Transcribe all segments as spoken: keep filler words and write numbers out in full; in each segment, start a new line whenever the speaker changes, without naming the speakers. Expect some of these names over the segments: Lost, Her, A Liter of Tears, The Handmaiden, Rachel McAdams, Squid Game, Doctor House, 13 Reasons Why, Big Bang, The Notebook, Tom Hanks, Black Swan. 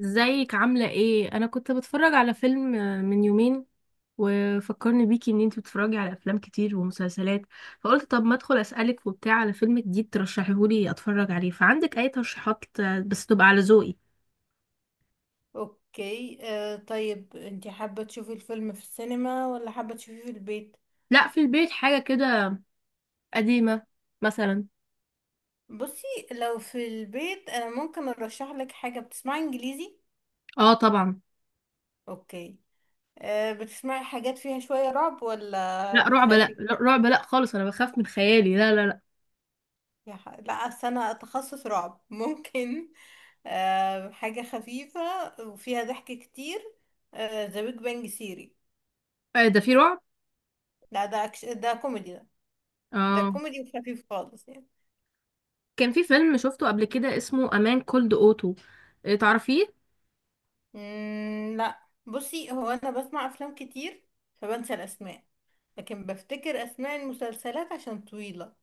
ازيك عاملة ايه؟ انا كنت بتفرج على فيلم آه، من يومين وفكرني بيكي ان انتي بتتفرجي على افلام كتير ومسلسلات. فقلت طب ما ادخل اسألك وبتاع على فيلم جديد ترشحيهولي اتفرج عليه، فعندك اي ترشيحات آه، بس تبقى على ذوقي؟
اوكي، آه طيب انتي حابة تشوفي الفيلم في السينما ولا حابة تشوفيه في البيت؟
لا، في البيت حاجة كده قديمة مثلا.
بصي، لو في البيت انا ممكن ارشح لك حاجة. بتسمعي انجليزي؟
اه طبعا.
اوكي. آه بتسمعي حاجات فيها شوية رعب ولا
لا رعب، لا
بتخافي؟
لا، رعب لا خالص، انا بخاف من خيالي، لا لا لا.
يا ح... لا، أصل انا تخصص رعب ممكن آه حاجة خفيفة وفيها ضحك كتير. ذا بيج بانج سيري.
آه، ده في رعب؟
لا، ده أكش... ده كوميدي ده. ده
اه.
كوميدي وخفيف خالص يعني.
كان في فيلم شفته قبل كده اسمه امان كولد اوتو، تعرفيه؟
مم، لا. بصي، هو انا بسمع افلام كتير فبنسى الاسماء، لكن بفتكر اسماء المسلسلات عشان طويلة.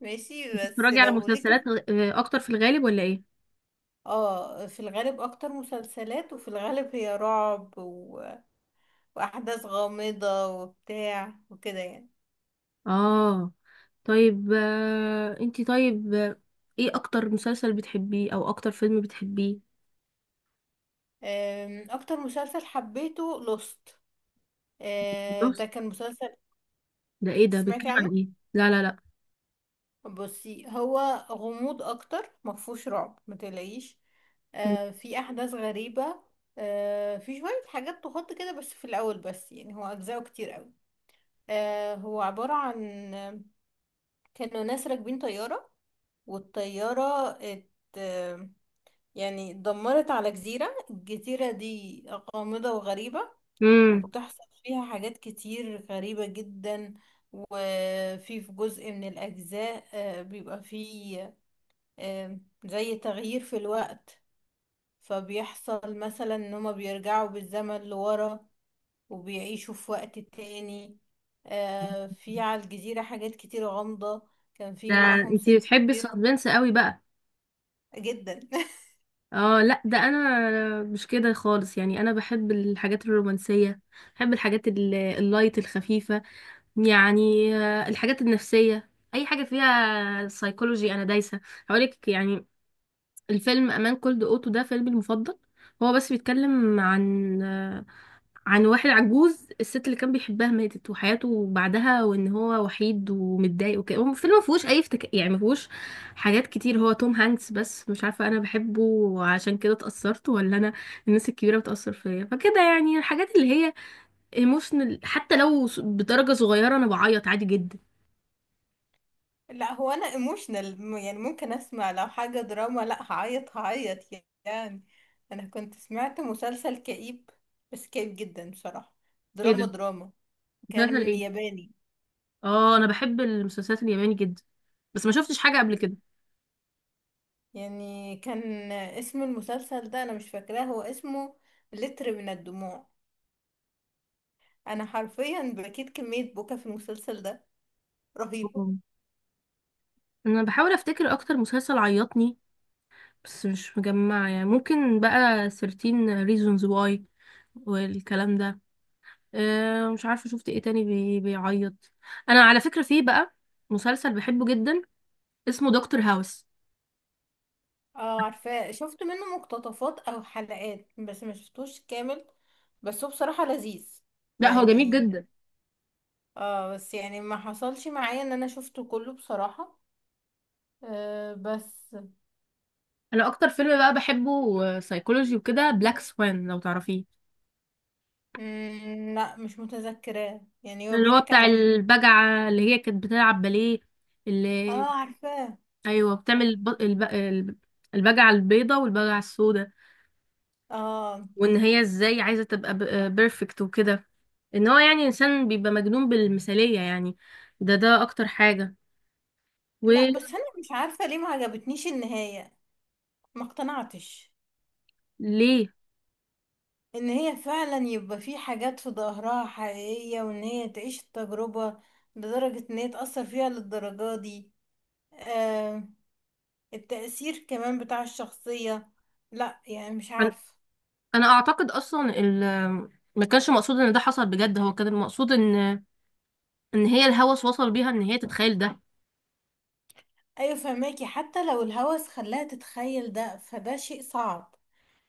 ماشي، بس
بتتفرجي على
لو ليك.
مسلسلات غ- آه، اكتر في الغالب ولا ايه؟
اه، في الغالب اكتر مسلسلات، وفي الغالب هي رعب و... واحداث غامضة وبتاع وكده يعني.
اه. طيب، آه، انتي طيب آه، ايه اكتر مسلسل بتحبيه او اكتر فيلم بتحبيه؟
أم، اكتر مسلسل حبيته لوست.
بص.
ده كان مسلسل.
ده ايه؟ ده
سمعتي
بيتكلم
عنه؟
عن ايه؟ لا لا لا.
بصي، هو غموض اكتر، مفهوش رعب، متقلقيش. آه في احداث غريبة. آه في شوية حاجات تخط كده بس في الاول، بس يعني هو اجزاءه كتير قوي. آه هو عبارة عن آه، كانوا ناس راكبين طيارة، والطيارة ات آه، يعني اتدمرت على جزيرة. الجزيرة دي غامضة وغريبة،
امم
وبتحصل فيها حاجات كتير غريبة جدا. وفي في جزء من الأجزاء آه، بيبقى فيه آم، زي تغيير في الوقت. فبيحصل مثلا ان هما بيرجعوا بالزمن لورا، وبيعيشوا في وقت تاني. آه، في على الجزيرة حاجات كتير غامضة. كان في
ده
معاهم
انتي
ست
بتحبي
كبيرة
السسبنس قوي بقى؟
جدا.
اه لا، ده انا مش كده خالص يعني، انا بحب الحاجات الرومانسية، بحب الحاجات ال- اللايت الخفيفة يعني، آه، الحاجات النفسية، اي حاجة فيها سايكولوجي انا دايسة. هقولك يعني، الفيلم امان كولد اوتو ده فيلمي المفضل. هو بس بيتكلم عن عن واحد عجوز، الست اللي كان بيحبها ماتت وحياته بعدها وان هو وحيد ومتضايق وكده. هو الفيلم ما فيهوش اي افتك... يعني ما فيهوش حاجات كتير، هو توم هانكس بس، مش عارفه انا بحبه وعشان كده اتاثرت ولا انا الناس الكبيره بتاثر فيا، فكده يعني الحاجات اللي هي ايموشنال حتى لو س- بدرجه صغيره، انا بعيط عادي جدا.
لا، هو انا ايموشنال يعني، ممكن اسمع لو حاجة دراما لا هعيط هعيط يعني. انا كنت سمعت مسلسل كئيب، بس كئيب جدا بصراحة.
ايه
دراما
ده؟
دراما.
مسلسل
كان
ايه؟
ياباني.
اه، انا بحب المسلسلات الياباني جدا، بس ما شفتش حاجه قبل
يعني كان اسم المسلسل ده انا مش فاكراه، هو اسمه لتر من الدموع. انا حرفيا بكيت كمية بكا في المسلسل ده رهيبة.
كده. انا بحاول افتكر اكتر مسلسل عيطني بس مش مجمعه يعني، ممكن بقى تلتاشر reasons why والكلام ده. أه مش عارفه شفت ايه تاني بي بيعيط. انا على فكره في بقى مسلسل بحبه جدا اسمه دكتور هاوس.
اه، عارفاه، شفت منه مقتطفات او حلقات، بس ما شفتوش كامل. بس هو بصراحة لذيذ
لا هو جميل
يعني.
جدا.
اه، بس يعني ما حصلش معايا ان انا شفته كله بصراحة. آه بس.
انا اكتر فيلم بقى بحبه سايكولوجي وكده بلاك سوان لو تعرفيه.
مم، لا، مش متذكراه. يعني هو
اللي هو
بيحكي
بتاع
عن ايه؟
البجعه اللي هي كانت بتلعب باليه اللي.
اه، عارفاه.
ايوه، بتعمل الب... الب... الب- البجعه البيضه والبجعه السوداء،
اه،
وان هي ازاي عايزه تبقى بيرفكت وكده، ان هو يعني انسان بيبقى مجنون بالمثاليه يعني. ده ده اكتر حاجه.
لا، بس انا مش عارفة ليه ما عجبتنيش النهاية، ما اقتنعتش.
وليه؟
ان هي فعلا يبقى في حاجات في ظهرها حقيقية، وان هي تعيش التجربة لدرجة ان هي تأثر فيها للدرجة دي. آه التأثير كمان بتاع الشخصية. لا، يعني مش
انا
عارفة.
أنا اعتقد اصلا ال ما كانش مقصود ان ده حصل بجد، هو كان المقصود ان ان هي الهوس وصل بيها ان هي تتخيل ده.
ايوه، فهماكي. حتى لو الهوس خلاها تتخيل ده، فده شيء صعب،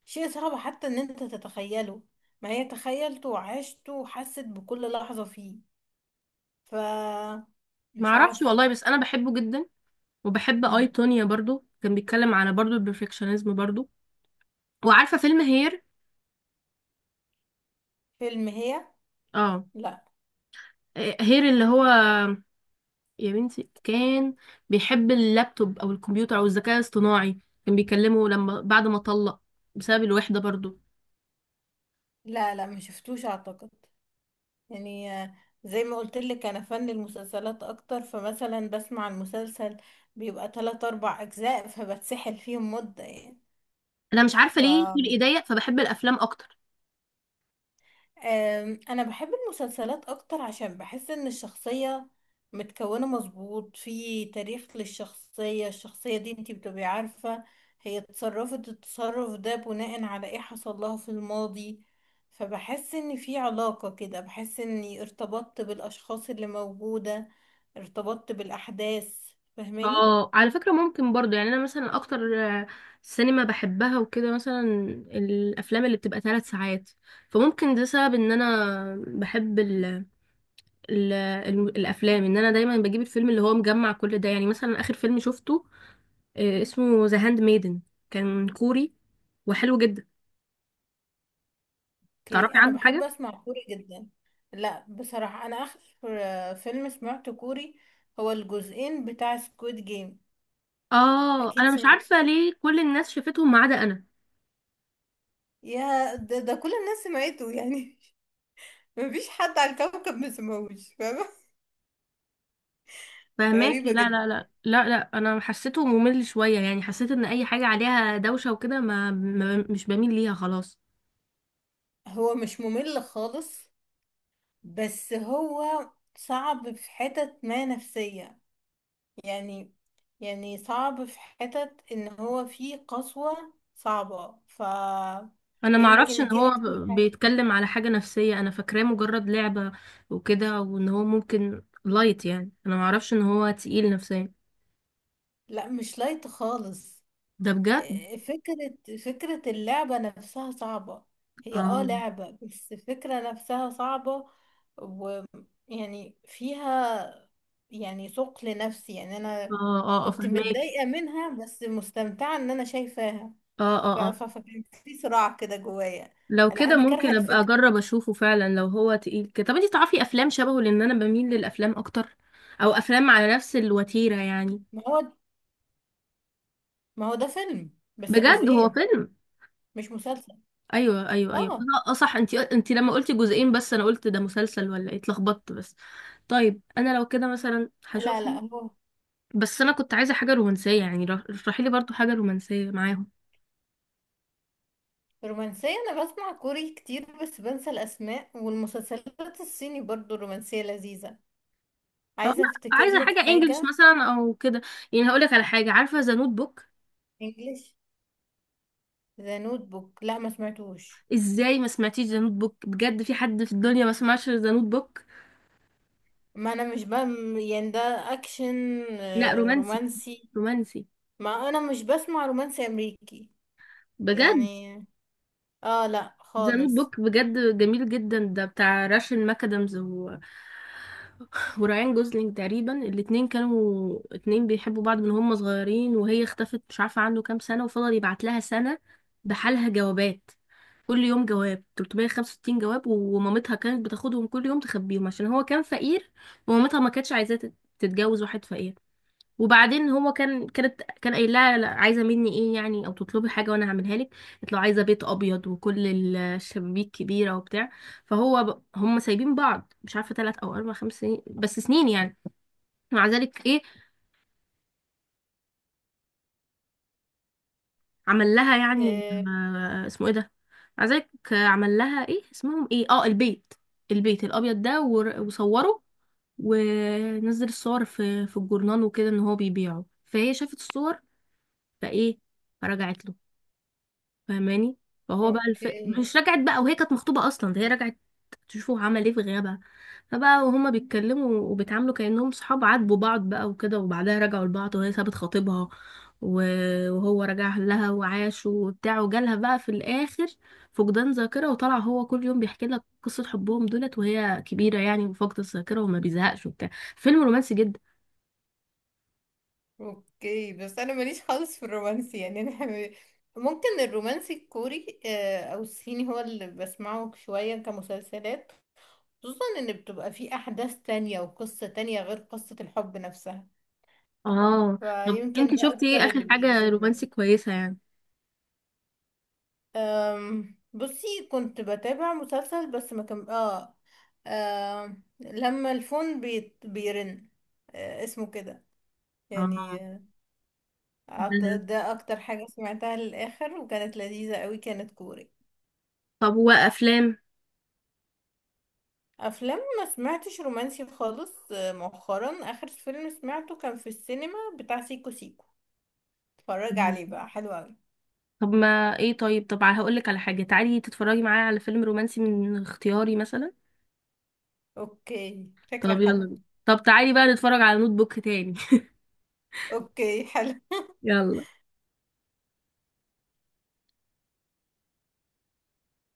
شيء صعب حتى ان انت تتخيله. ما هي تخيلته وعشته وحست بكل لحظة فيه. ف
ما
مش
اعرفش
عارفة.
والله، بس انا بحبه جدا. وبحب اي تونيا برضو، كان بيتكلم على برضو البرفكشنزم برضو. وعارفه فيلم هير؟
فيلم هي؟
اه.
لا،
آه، هير اللي هو، يا بنتي كان بيحب اللابتوب او الكمبيوتر او الذكاء الاصطناعي، كان بيكلمه لما بعد ما طلق بسبب الوحده برضو.
لا، لا ما شفتوش اعتقد. يعني، آه، زي ما قلت لك انا فن المسلسلات اكتر، فمثلا بسمع المسلسل بيبقى ثلاثة اربع اجزاء فبتسحل فيهم مدة يعني.
انا مش عارفه
ف
ليه في ايديا فبحب الافلام اكتر.
أم، انا بحب المسلسلات اكتر عشان بحس ان الشخصية متكونة مظبوط في تاريخ للشخصية. الشخصية دي انتي بتبقي عارفة هي اتصرفت التصرف ده بناء على ايه حصل لها في الماضي. فبحس ان في علاقة كده، بحس اني ارتبطت بالاشخاص اللي موجودة، ارتبطت بالاحداث. فاهماني؟
اه، على فكره ممكن برضو يعني انا مثلا اكتر آه، سينما بحبها وكده مثلا الافلام اللي بتبقى ثلاث ساعات، فممكن ده سبب ان انا بحب ال ال ال الافلام، ان انا دايما بجيب الفيلم اللي هو مجمع كل ده يعني. مثلا اخر فيلم شفته آه، اسمه ذا هاند ميدن، كان كوري وحلو جدا.
اوكي،
تعرفي
انا
عنه
بحب
حاجة؟
اسمع كوري جدا. لا، بصراحة انا اخر آه، فيلم سمعته كوري هو الجزئين بتاع سكويد جيم.
اه،
اكيد
انا مش
سمعت.
عارفة ليه كل الناس شافتهم ما عدا انا.
يا ده, ده كل الناس سمعته يعني. مفيش حد على الكوكب ما سمعوش. فاهمة؟
فهماكي؟
غريبة
لا لا
جدا.
لا لا لا، انا حسيته ممل شوية يعني، حسيت ان اي حاجة عليها دوشة وكده، ما, ما مش بميل ليها خلاص.
هو مش ممل خالص. بس هو صعب في حتت ما نفسية يعني. يعني صعب في حتت ان هو فيه قسوة صعبة. ف
انا ما اعرفش
يمكن
ان
دي
هو
اكتر
ب-
حاجة.
بيتكلم على حاجة نفسية، انا فاكراه مجرد لعبة وكده، وان هو ممكن لايت يعني، انا ما اعرفش ان هو تقيل نفسيا.
لا، مش لايت خالص.
ده بجد.
إيه، فكرة فكرة اللعبة نفسها صعبة. هي اه
اه
لعبة، بس الفكرة نفسها صعبة. ويعني فيها يعني ثقل نفسي يعني انا
اه، اه، آه،
كنت
فهماكي.
متضايقة منها، بس مستمتعة ان انا شايفاها.
اه،
ف-
اه، آه.
ف- فكان في صراع كده جوايا.
لو
لا،
كده
انا كارهة
ممكن ابقى
الفكرة.
اجرب اشوفه فعلا لو هو تقيل كده. طب انتي تعرفي افلام شبهه لان انا بميل للافلام اكتر، او افلام على نفس الوتيرة يعني؟
ما هو ما هو ده فيلم بس
بجد هو
جزئين،
فيلم.
مش مسلسل.
ايوه ايوه ايوه،
اه،
لا اه صح، انتي انتي لما قلتي جزئين بس انا قلت ده مسلسل ولا ايه، اتلخبطت بس. طيب انا لو كده مثلا
لا، لا
هشوفه،
هو.
بس انا كنت عايزة حاجة رومانسية يعني، رح- اشرحي لي برضو حاجة رومانسية معاهم.
رومانسية؟ أنا بسمع كوري كتير بس بنسى الأسماء، والمسلسلات الصيني برضو رومانسية لذيذة.
اه، لا.
عايزة أفتكر
عايزة
لك
حاجة انجلش
حاجة.
مثلا او كده يعني، هقولك على حاجة، عارفة ذا نوت بوك؟
انجليش؟ ذا نوت بوك؟ لا، ما سمعتوش.
ازاي ما سمعتيش ذا نوت بوك؟ بجد في حد في الدنيا ما سمعش ذا نوت بوك؟
ما أنا مش بم يعني ده أكشن،
لا
آه،
رومانسي،
رومانسي.
رومانسي.
ما أنا مش بسمع رومانسي أمريكي
بجد
يعني. اه، لا
ذا نوت
خالص.
بوك بجد جميل جدا. ده بتاع راشن ماكادامز و... وراين جوزلينج تقريبا، الاتنين كانوا اتنين بيحبوا بعض من هم صغيرين، وهي اختفت مش عارفة عنه كام سنة، وفضل يبعت لها سنة بحالها جوابات كل يوم جواب، تلتمية وخمسة وستين جواب، ومامتها كانت بتاخدهم كل يوم تخبيهم عشان هو كان فقير ومامتها ما كانتش عايزاه تت- تتجوز واحد فقير. وبعدين هو كان كانت كان قايل لها، لا، عايزه مني ايه يعني او تطلبي حاجه وانا هعملها لك. قالت له عايزه بيت ابيض وكل الشبابيك كبيره وبتاع. فهو ب... هم سايبين بعض مش عارفه ثلاث او اربع خمس سنين بس سنين يعني، مع ذلك ايه عمل لها يعني
آه،
آه اسمه ايه ده. مع ذلك آه، عمل لها ايه اسمهم ايه، اه البيت البيت الابيض ده، ور- وصوره ونزل الصور في في الجورنال وكده ان هو بيبيعه، فهي شافت الصور فايه فرجعت له، فاهماني؟ فهو بقى الف...
اوكي،
مش رجعت بقى، وهي كانت مخطوبة اصلا ده، هي رجعت تشوفوا عمل ايه في غيابها. فبقى وهما بيتكلموا وبيتعاملوا كأنهم صحاب عاتبوا بعض بقى وكده، وبعدها رجعوا لبعض وهي سابت خطيبها، و- وهو رجع لها وعاشوا وبتاع، وجالها بقى في الآخر فقدان ذاكرة، وطلع هو كل يوم بيحكي لك قصة حبهم دولت وهي كبيرة يعني وفاقدة الذاكرة وما بيزهقش وبتاع. فيلم رومانسي جدا.
اوكي، بس انا ماليش خالص في الرومانسي يعني، انا حم- ممكن الرومانسي الكوري آه، او الصيني هو اللي بسمعه شوية كمسلسلات، خصوصا ان بتبقى فيه احداث تانية وقصة تانية غير قصة الحب نفسها.
اه. طب انت
فيمكن ده
شفتي ايه
اكتر
آخر
اللي
حاجة
بيجذبني.
رومانسي كويسة يعني؟
أم، بصي، كنت بتابع مسلسل بس ما كان اه آه، لما الفون بيت... بيرن. آه، اسمه كده يعني.
اه.
أعت- ده اكتر حاجة سمعتها للاخر وكانت لذيذة قوي، كانت كوري.
طب وافلام؟
افلام ما سمعتش رومانسي خالص، آه، مؤخرا اخر فيلم سمعته كان في السينما بتاع سيكو سيكو. اتفرج عليه بقى، حلو قوي.
طب ما ايه طيب طب هقول لك على حاجه، تعالي تتفرجي معايا على فيلم رومانسي من اختياري مثلا.
اوكي،
طب
فكرة
يلا
حلوة.
بينا. طب تعالي بقى نتفرج على نوت بوك تاني.
اوكي، حلو.
يلا.